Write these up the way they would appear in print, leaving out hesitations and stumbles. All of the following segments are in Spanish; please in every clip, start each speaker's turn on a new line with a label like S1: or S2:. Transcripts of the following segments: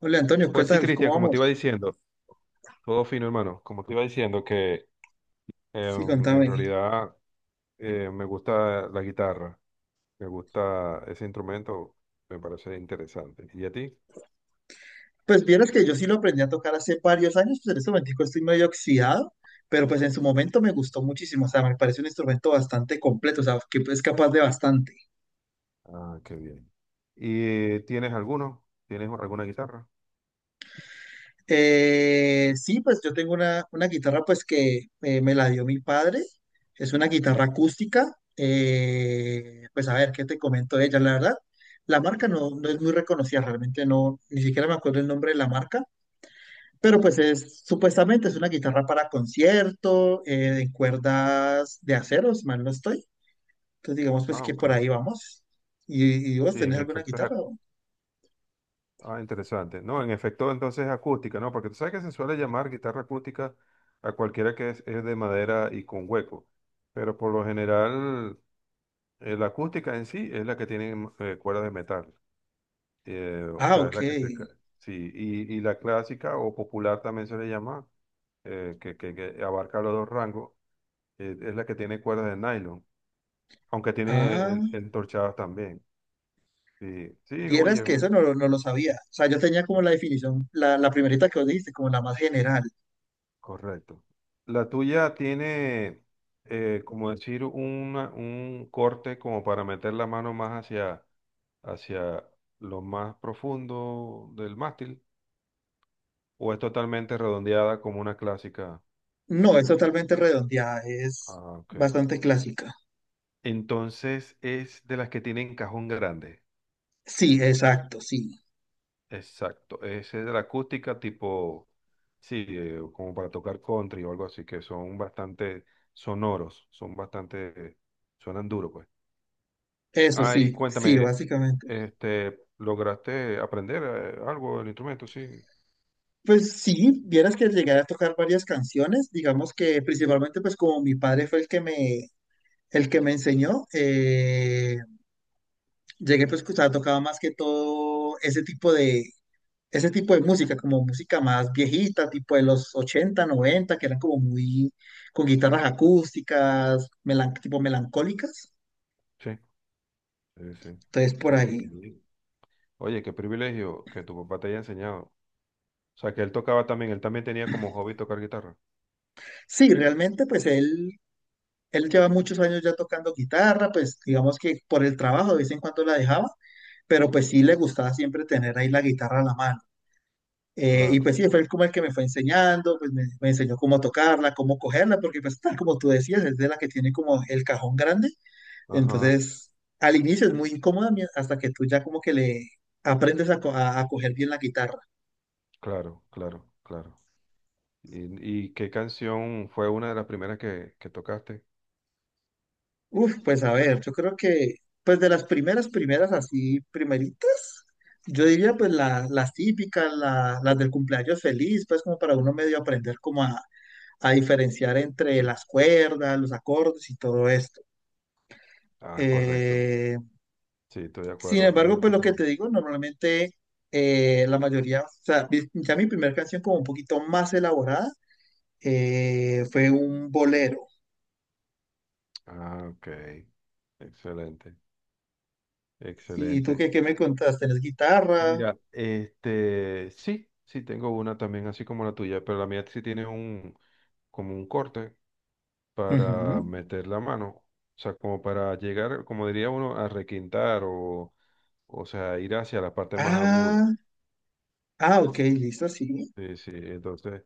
S1: Hola Antonio, ¿qué
S2: Pues sí,
S1: tal? ¿Cómo
S2: Cristian, como te iba
S1: vamos?
S2: diciendo, todo fino, hermano. Como te iba diciendo, que
S1: Sí,
S2: en
S1: contame.
S2: realidad me gusta la guitarra, me gusta ese instrumento, me parece interesante. ¿Y a ti?
S1: Pues vieras que yo sí lo aprendí a tocar hace varios años, pues en este momento estoy medio oxidado, pero pues en su momento me gustó muchísimo, o sea, me parece un instrumento bastante completo, o sea, que es capaz de bastante.
S2: Ah, qué bien. ¿Y tienes alguno? ¿Tienes alguna guitarra?
S1: Sí, pues yo tengo una guitarra pues que me la dio mi padre, es una guitarra acústica, pues a ver, ¿qué te comento de ella? La verdad, la marca no es muy reconocida, realmente no, ni siquiera me acuerdo el nombre de la marca. Pero pues es, supuestamente es una guitarra para concierto, de cuerdas de acero, si mal no estoy. Entonces digamos pues
S2: Ah,
S1: que por
S2: ok.
S1: ahí vamos. ¿Y vos
S2: Sí,
S1: tenés
S2: en
S1: alguna
S2: efecto es
S1: guitarra? ¿O?
S2: ah, interesante. No, en efecto entonces es acústica, ¿no? Porque tú sabes que se suele llamar guitarra acústica a cualquiera que es de madera y con hueco. Pero por lo general la acústica en sí es la que tiene cuerda de metal, o
S1: Ah,
S2: sea, es
S1: ok.
S2: la que sí, y la clásica o popular también se le llama, que abarca los dos rangos, es la que tiene cuerdas de nylon, aunque tiene
S1: Ah,
S2: entorchadas también. Sí, sí,
S1: vieras
S2: oye,
S1: que eso no, no lo sabía. O sea, yo tenía como la definición, la primerita que vos dijiste, como la más general.
S2: correcto. La tuya tiene, como decir, un corte como para meter la mano más hacia, hacia lo más profundo del mástil, o es totalmente redondeada como una clásica.
S1: No, es totalmente redondeada, es
S2: Ah, ok.
S1: bastante clásica.
S2: Entonces es de las que tienen cajón grande.
S1: Sí, exacto, sí.
S2: Exacto. Es de la acústica tipo, sí, como para tocar country o algo así, que son bastante sonoros, son bastante, suenan duro, pues.
S1: Eso
S2: Ah, y
S1: sí, sí,
S2: cuéntame,
S1: básicamente.
S2: este, ¿lograste aprender algo del instrumento? Sí,
S1: Pues sí, vieras que llegué a tocar varias canciones, digamos que principalmente pues como mi padre fue el que el que me enseñó, llegué pues que, tocaba más que todo ese tipo de música, como música más viejita, tipo de los 80 90 que eran como muy, con guitarras acústicas, tipo melancólicas,
S2: sí, sí, sí.
S1: entonces por
S2: Oye, qué
S1: ahí.
S2: bien. Oye, qué privilegio que tu papá te haya enseñado. O sea, que él tocaba también, él también tenía como hobby tocar guitarra.
S1: Sí, realmente él lleva muchos años ya tocando guitarra, pues digamos que por el trabajo de vez en cuando la dejaba, pero pues sí le gustaba siempre tener ahí la guitarra a la mano. Y
S2: Claro,
S1: pues sí, fue él como el que me fue enseñando, pues me enseñó cómo tocarla, cómo cogerla, porque pues tal como tú decías, es de la que tiene como el cajón grande.
S2: ajá,
S1: Entonces, al inicio es muy incómoda hasta que tú ya como que le aprendes a, a coger bien la guitarra.
S2: claro, claro, claro. Y qué canción fue una de las primeras que tocaste?
S1: Uf, pues a ver, yo creo que pues de las primeras así, primeritas, yo diría pues las típicas, las del cumpleaños feliz, pues como para uno medio aprender como a diferenciar entre
S2: Sí.
S1: las cuerdas, los acordes y todo esto.
S2: Ah, correcto.
S1: Eh,
S2: Sí, estoy de
S1: Sin
S2: acuerdo. A mí
S1: embargo,
S2: me
S1: pues lo
S2: pasó
S1: que te
S2: mismo.
S1: digo, normalmente la mayoría, o sea, ya mi primera canción como un poquito más elaborada fue un bolero.
S2: Ah, ok. Excelente,
S1: ¿Y tú
S2: excelente.
S1: qué me contaste? ¿Tienes guitarra?
S2: Mira, este, sí, sí, tengo una también así como la tuya, pero la mía sí tiene un, como un corte para
S1: Ujú.
S2: meter la mano. O sea, como para llegar, como diría uno, a requintar o sea, ir hacia la parte más aguda.
S1: Ah, ok, listo, sí,
S2: Sí, sí. Entonces,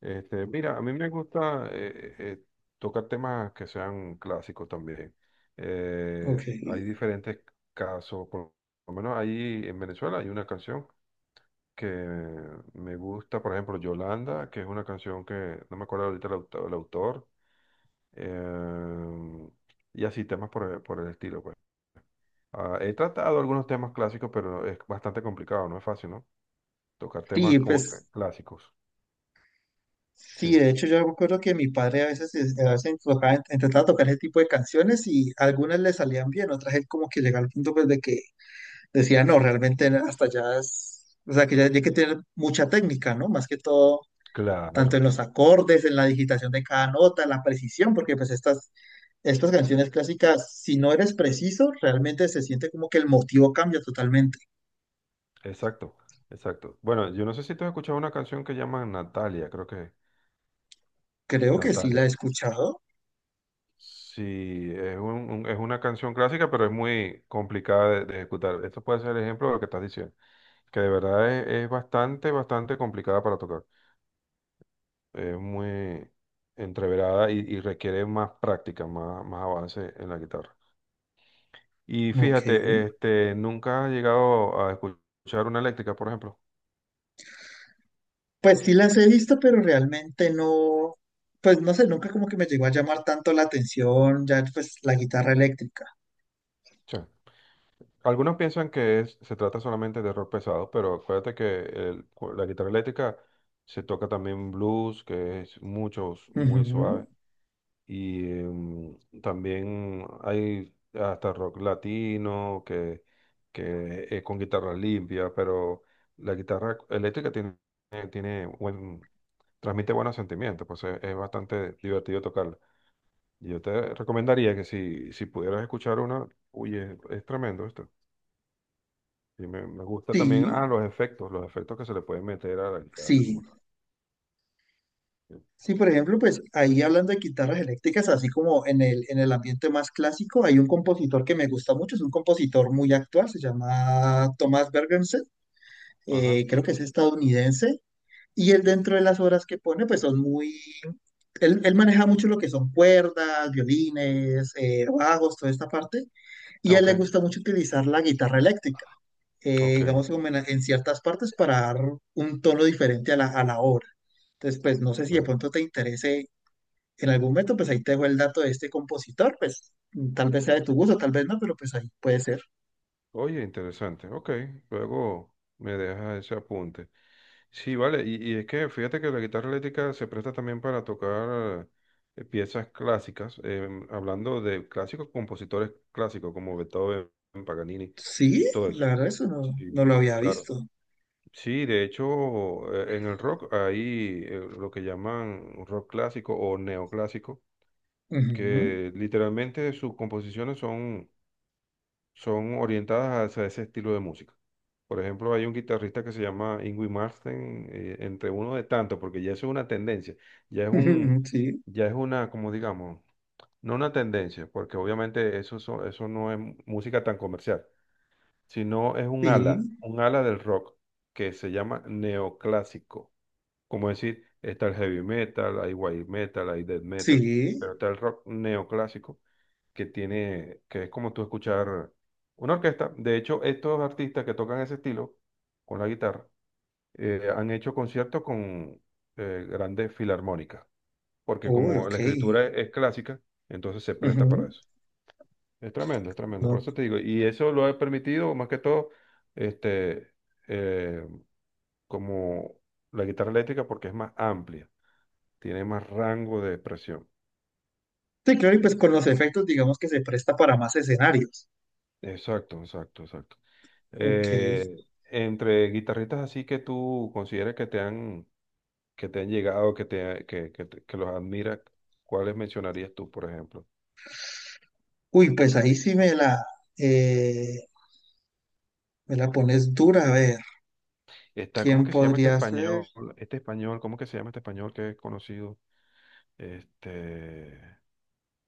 S2: este, mira, a mí me gusta tocar temas que sean clásicos también.
S1: ok.
S2: Hay diferentes casos, por lo menos ahí en Venezuela hay una canción que me gusta, por ejemplo, Yolanda, que es una canción que no me acuerdo ahorita el el autor, em, y así temas por, por el estilo, pues. Ah, he tratado algunos temas clásicos, pero es bastante complicado, no es fácil, ¿no? Tocar temas
S1: Sí,
S2: como que
S1: pues
S2: clásicos. Sí,
S1: sí, de hecho yo me acuerdo que mi padre a veces, a veces enfocaba intentaba tocar ese tipo de canciones y algunas le salían bien, otras él como que llegaba al punto pues de que decía, no, realmente hasta ya es, o sea, que ya, ya hay que tener mucha técnica, ¿no? Más que todo, tanto
S2: claro,
S1: en los acordes, en la digitación de cada nota, en la precisión, porque estas canciones clásicas, si no eres preciso, realmente se siente como que el motivo cambia totalmente.
S2: exacto, exacto. Bueno, yo no sé si tú has escuchado una canción que llaman Natalia, creo que
S1: Creo que sí la he
S2: Natalia.
S1: escuchado.
S2: Sí, es, es una canción clásica, pero es muy complicada de ejecutar. Esto puede ser el ejemplo de lo que estás diciendo, que de verdad es bastante, bastante complicada para tocar. Es muy entreverada y requiere más práctica, más, más avance en la guitarra. Y
S1: Ok.
S2: fíjate, este, ¿nunca has llegado a escuchar una eléctrica, por ejemplo?
S1: Pues sí las he visto, pero realmente no, pues no sé, nunca como que me llegó a llamar tanto la atención, ya pues la guitarra eléctrica.
S2: Algunos piensan que se trata solamente de rock pesado, pero acuérdate que la guitarra eléctrica se toca también blues, que es mucho, muy
S1: Ujú.
S2: suave. Y también hay hasta rock latino, que es con guitarra limpia, pero la guitarra eléctrica tiene, tiene buen, transmite buenos sentimientos, pues es bastante divertido tocarla. Yo te recomendaría que si pudieras escuchar una, oye, es tremendo esto. Y me gusta también,
S1: Sí,
S2: ah, los efectos que se le pueden meter a la guitarra
S1: sí.
S2: como tal. Sí.
S1: Sí, por ejemplo, pues ahí hablando de guitarras eléctricas, así como en el ambiente más clásico, hay un compositor que me gusta mucho, es un compositor muy actual, se llama Thomas Bergensen,
S2: Ajá.
S1: creo que es estadounidense, y él dentro de las obras que pone, pues son muy, él maneja mucho lo que son cuerdas, violines, bajos, toda esta parte.
S2: Ah,
S1: Y a él le
S2: ok,
S1: gusta mucho utilizar la guitarra eléctrica,
S2: ok.
S1: digamos, como en ciertas partes para dar un tono diferente a a la obra. Entonces, pues no sé si de
S2: Bueno,
S1: pronto te interese en algún momento, pues ahí te dejo el dato de este compositor, pues tal vez sea de tu gusto, tal vez no, pero pues ahí puede ser.
S2: oye, interesante. Ok, luego me deja ese apunte. Sí, vale, y es que fíjate que la guitarra eléctrica se presta también para tocar piezas clásicas, hablando de clásicos, compositores clásicos como Beethoven, Paganini,
S1: Sí,
S2: todo eso.
S1: la verdad eso no, no lo
S2: Sí,
S1: había
S2: claro.
S1: visto.
S2: Sí, de hecho, en el rock hay lo que llaman rock clásico o neoclásico,
S1: Ujú.
S2: que literalmente sus composiciones son, son orientadas hacia ese estilo de música. Por ejemplo, hay un guitarrista que se llama Ingui Martin, entre uno de tantos, porque ya eso es una tendencia, ya es un,
S1: Sí,
S2: ya es una, como digamos, no una tendencia, porque obviamente eso, eso no es música tan comercial, sino es
S1: sí,
S2: un ala del rock que se llama neoclásico. Como decir, está el heavy metal, hay white metal, hay death metal,
S1: sí.
S2: pero está el rock neoclásico que tiene, que es como tú escuchar una orquesta. De hecho, estos artistas que tocan ese estilo con la guitarra han hecho conciertos con grandes filarmónicas, porque
S1: Uy,
S2: como
S1: ok.
S2: la escritura es clásica, entonces se presta para
S1: Ujú.
S2: eso. Es tremendo, por
S1: No.
S2: eso te digo. Y eso lo ha permitido más que todo, este, eh, como la guitarra eléctrica, porque es más amplia, tiene más rango de expresión.
S1: Sí, claro, y pues con los efectos, digamos que se presta para más escenarios.
S2: Exacto, exacto, exacto.
S1: Ok.
S2: Eh, entre guitarristas así que tú consideres que te han llegado, que los admiras, ¿cuáles mencionarías tú, por ejemplo?
S1: Uy, pues ahí sí eh, me la pones dura. A ver,
S2: Está, ¿cómo
S1: ¿quién
S2: que se llama este
S1: podría ser?
S2: español? Este español, ¿cómo que se llama este español que es conocido? Este,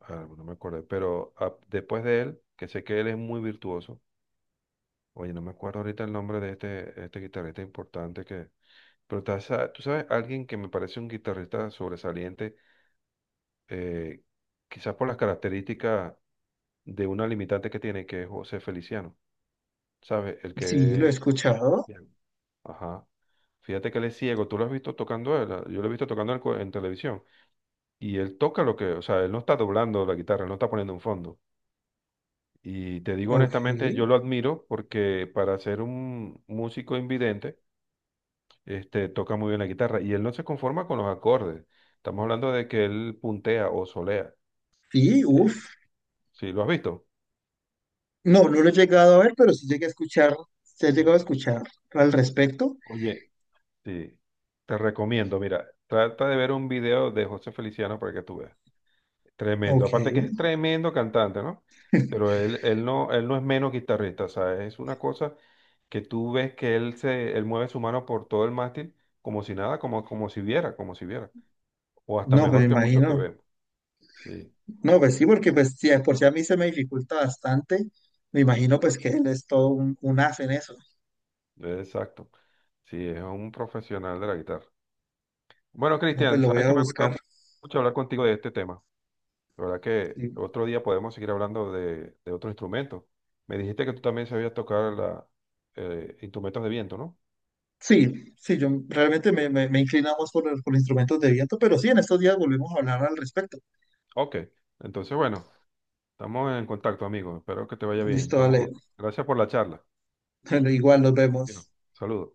S2: ah, no me acuerdo, pero ah, después de él, que sé que él es muy virtuoso, oye, no me acuerdo ahorita el nombre de este, este guitarrista importante que... Pero tú sabes, alguien que me parece un guitarrista sobresaliente, eh, quizás por las características de una limitante que tiene, que es José Feliciano, ¿sabes? El
S1: Sí, lo he
S2: que...
S1: escuchado.
S2: Bien. Ajá. Fíjate que él es ciego, tú lo has visto tocando, a él. Ah, yo lo he visto tocando a él en televisión, y él toca lo que, o sea, él no está doblando la guitarra, él no está poniendo un fondo. Y te digo
S1: Ok.
S2: honestamente, yo lo admiro porque para ser un músico invidente, este, toca muy bien la guitarra y él no se conforma con los acordes. Estamos hablando de que él puntea o solea.
S1: Sí,
S2: Eh,
S1: uff.
S2: ¿Sí lo has visto?
S1: No, no lo he llegado a ver, pero sí llegué a escuchar, se ha
S2: Sí.
S1: llegado a escuchar al respecto.
S2: Oye, sí. Te recomiendo, mira, trata de ver un video de José Feliciano para que tú veas. Tremendo.
S1: Ok.
S2: Aparte que es tremendo cantante, ¿no? Pero él, él no es menos guitarrista, ¿sabes? Es una cosa que tú ves que él se, él mueve su mano por todo el mástil como si nada, como, como si viera, como si viera. O hasta
S1: No, pues
S2: mejor
S1: me
S2: que muchos que
S1: imagino.
S2: vemos. Sí.
S1: No, pues sí, porque pues sí, de por si a mí se me dificulta bastante, me imagino pues que él es todo un as en eso.
S2: Exacto. Sí, es un profesional de la guitarra. Bueno,
S1: No, pues
S2: Cristian,
S1: lo voy
S2: sabes
S1: a
S2: que me ha gustado
S1: buscar.
S2: mucho hablar contigo de este tema. La verdad que
S1: Sí.
S2: otro día podemos seguir hablando de otro instrumento. Me dijiste que tú también sabías tocar la, instrumentos de viento, ¿no?
S1: Sí, sí, yo realmente me inclino más por instrumentos de viento, pero sí, en estos días volvemos a hablar al respecto.
S2: Ok. Entonces, bueno, estamos en contacto, amigo. Espero que te vaya bien.
S1: Listo, dale.
S2: Estamos... Gracias por la charla.
S1: Igual nos
S2: Bueno,
S1: vemos.
S2: saludos.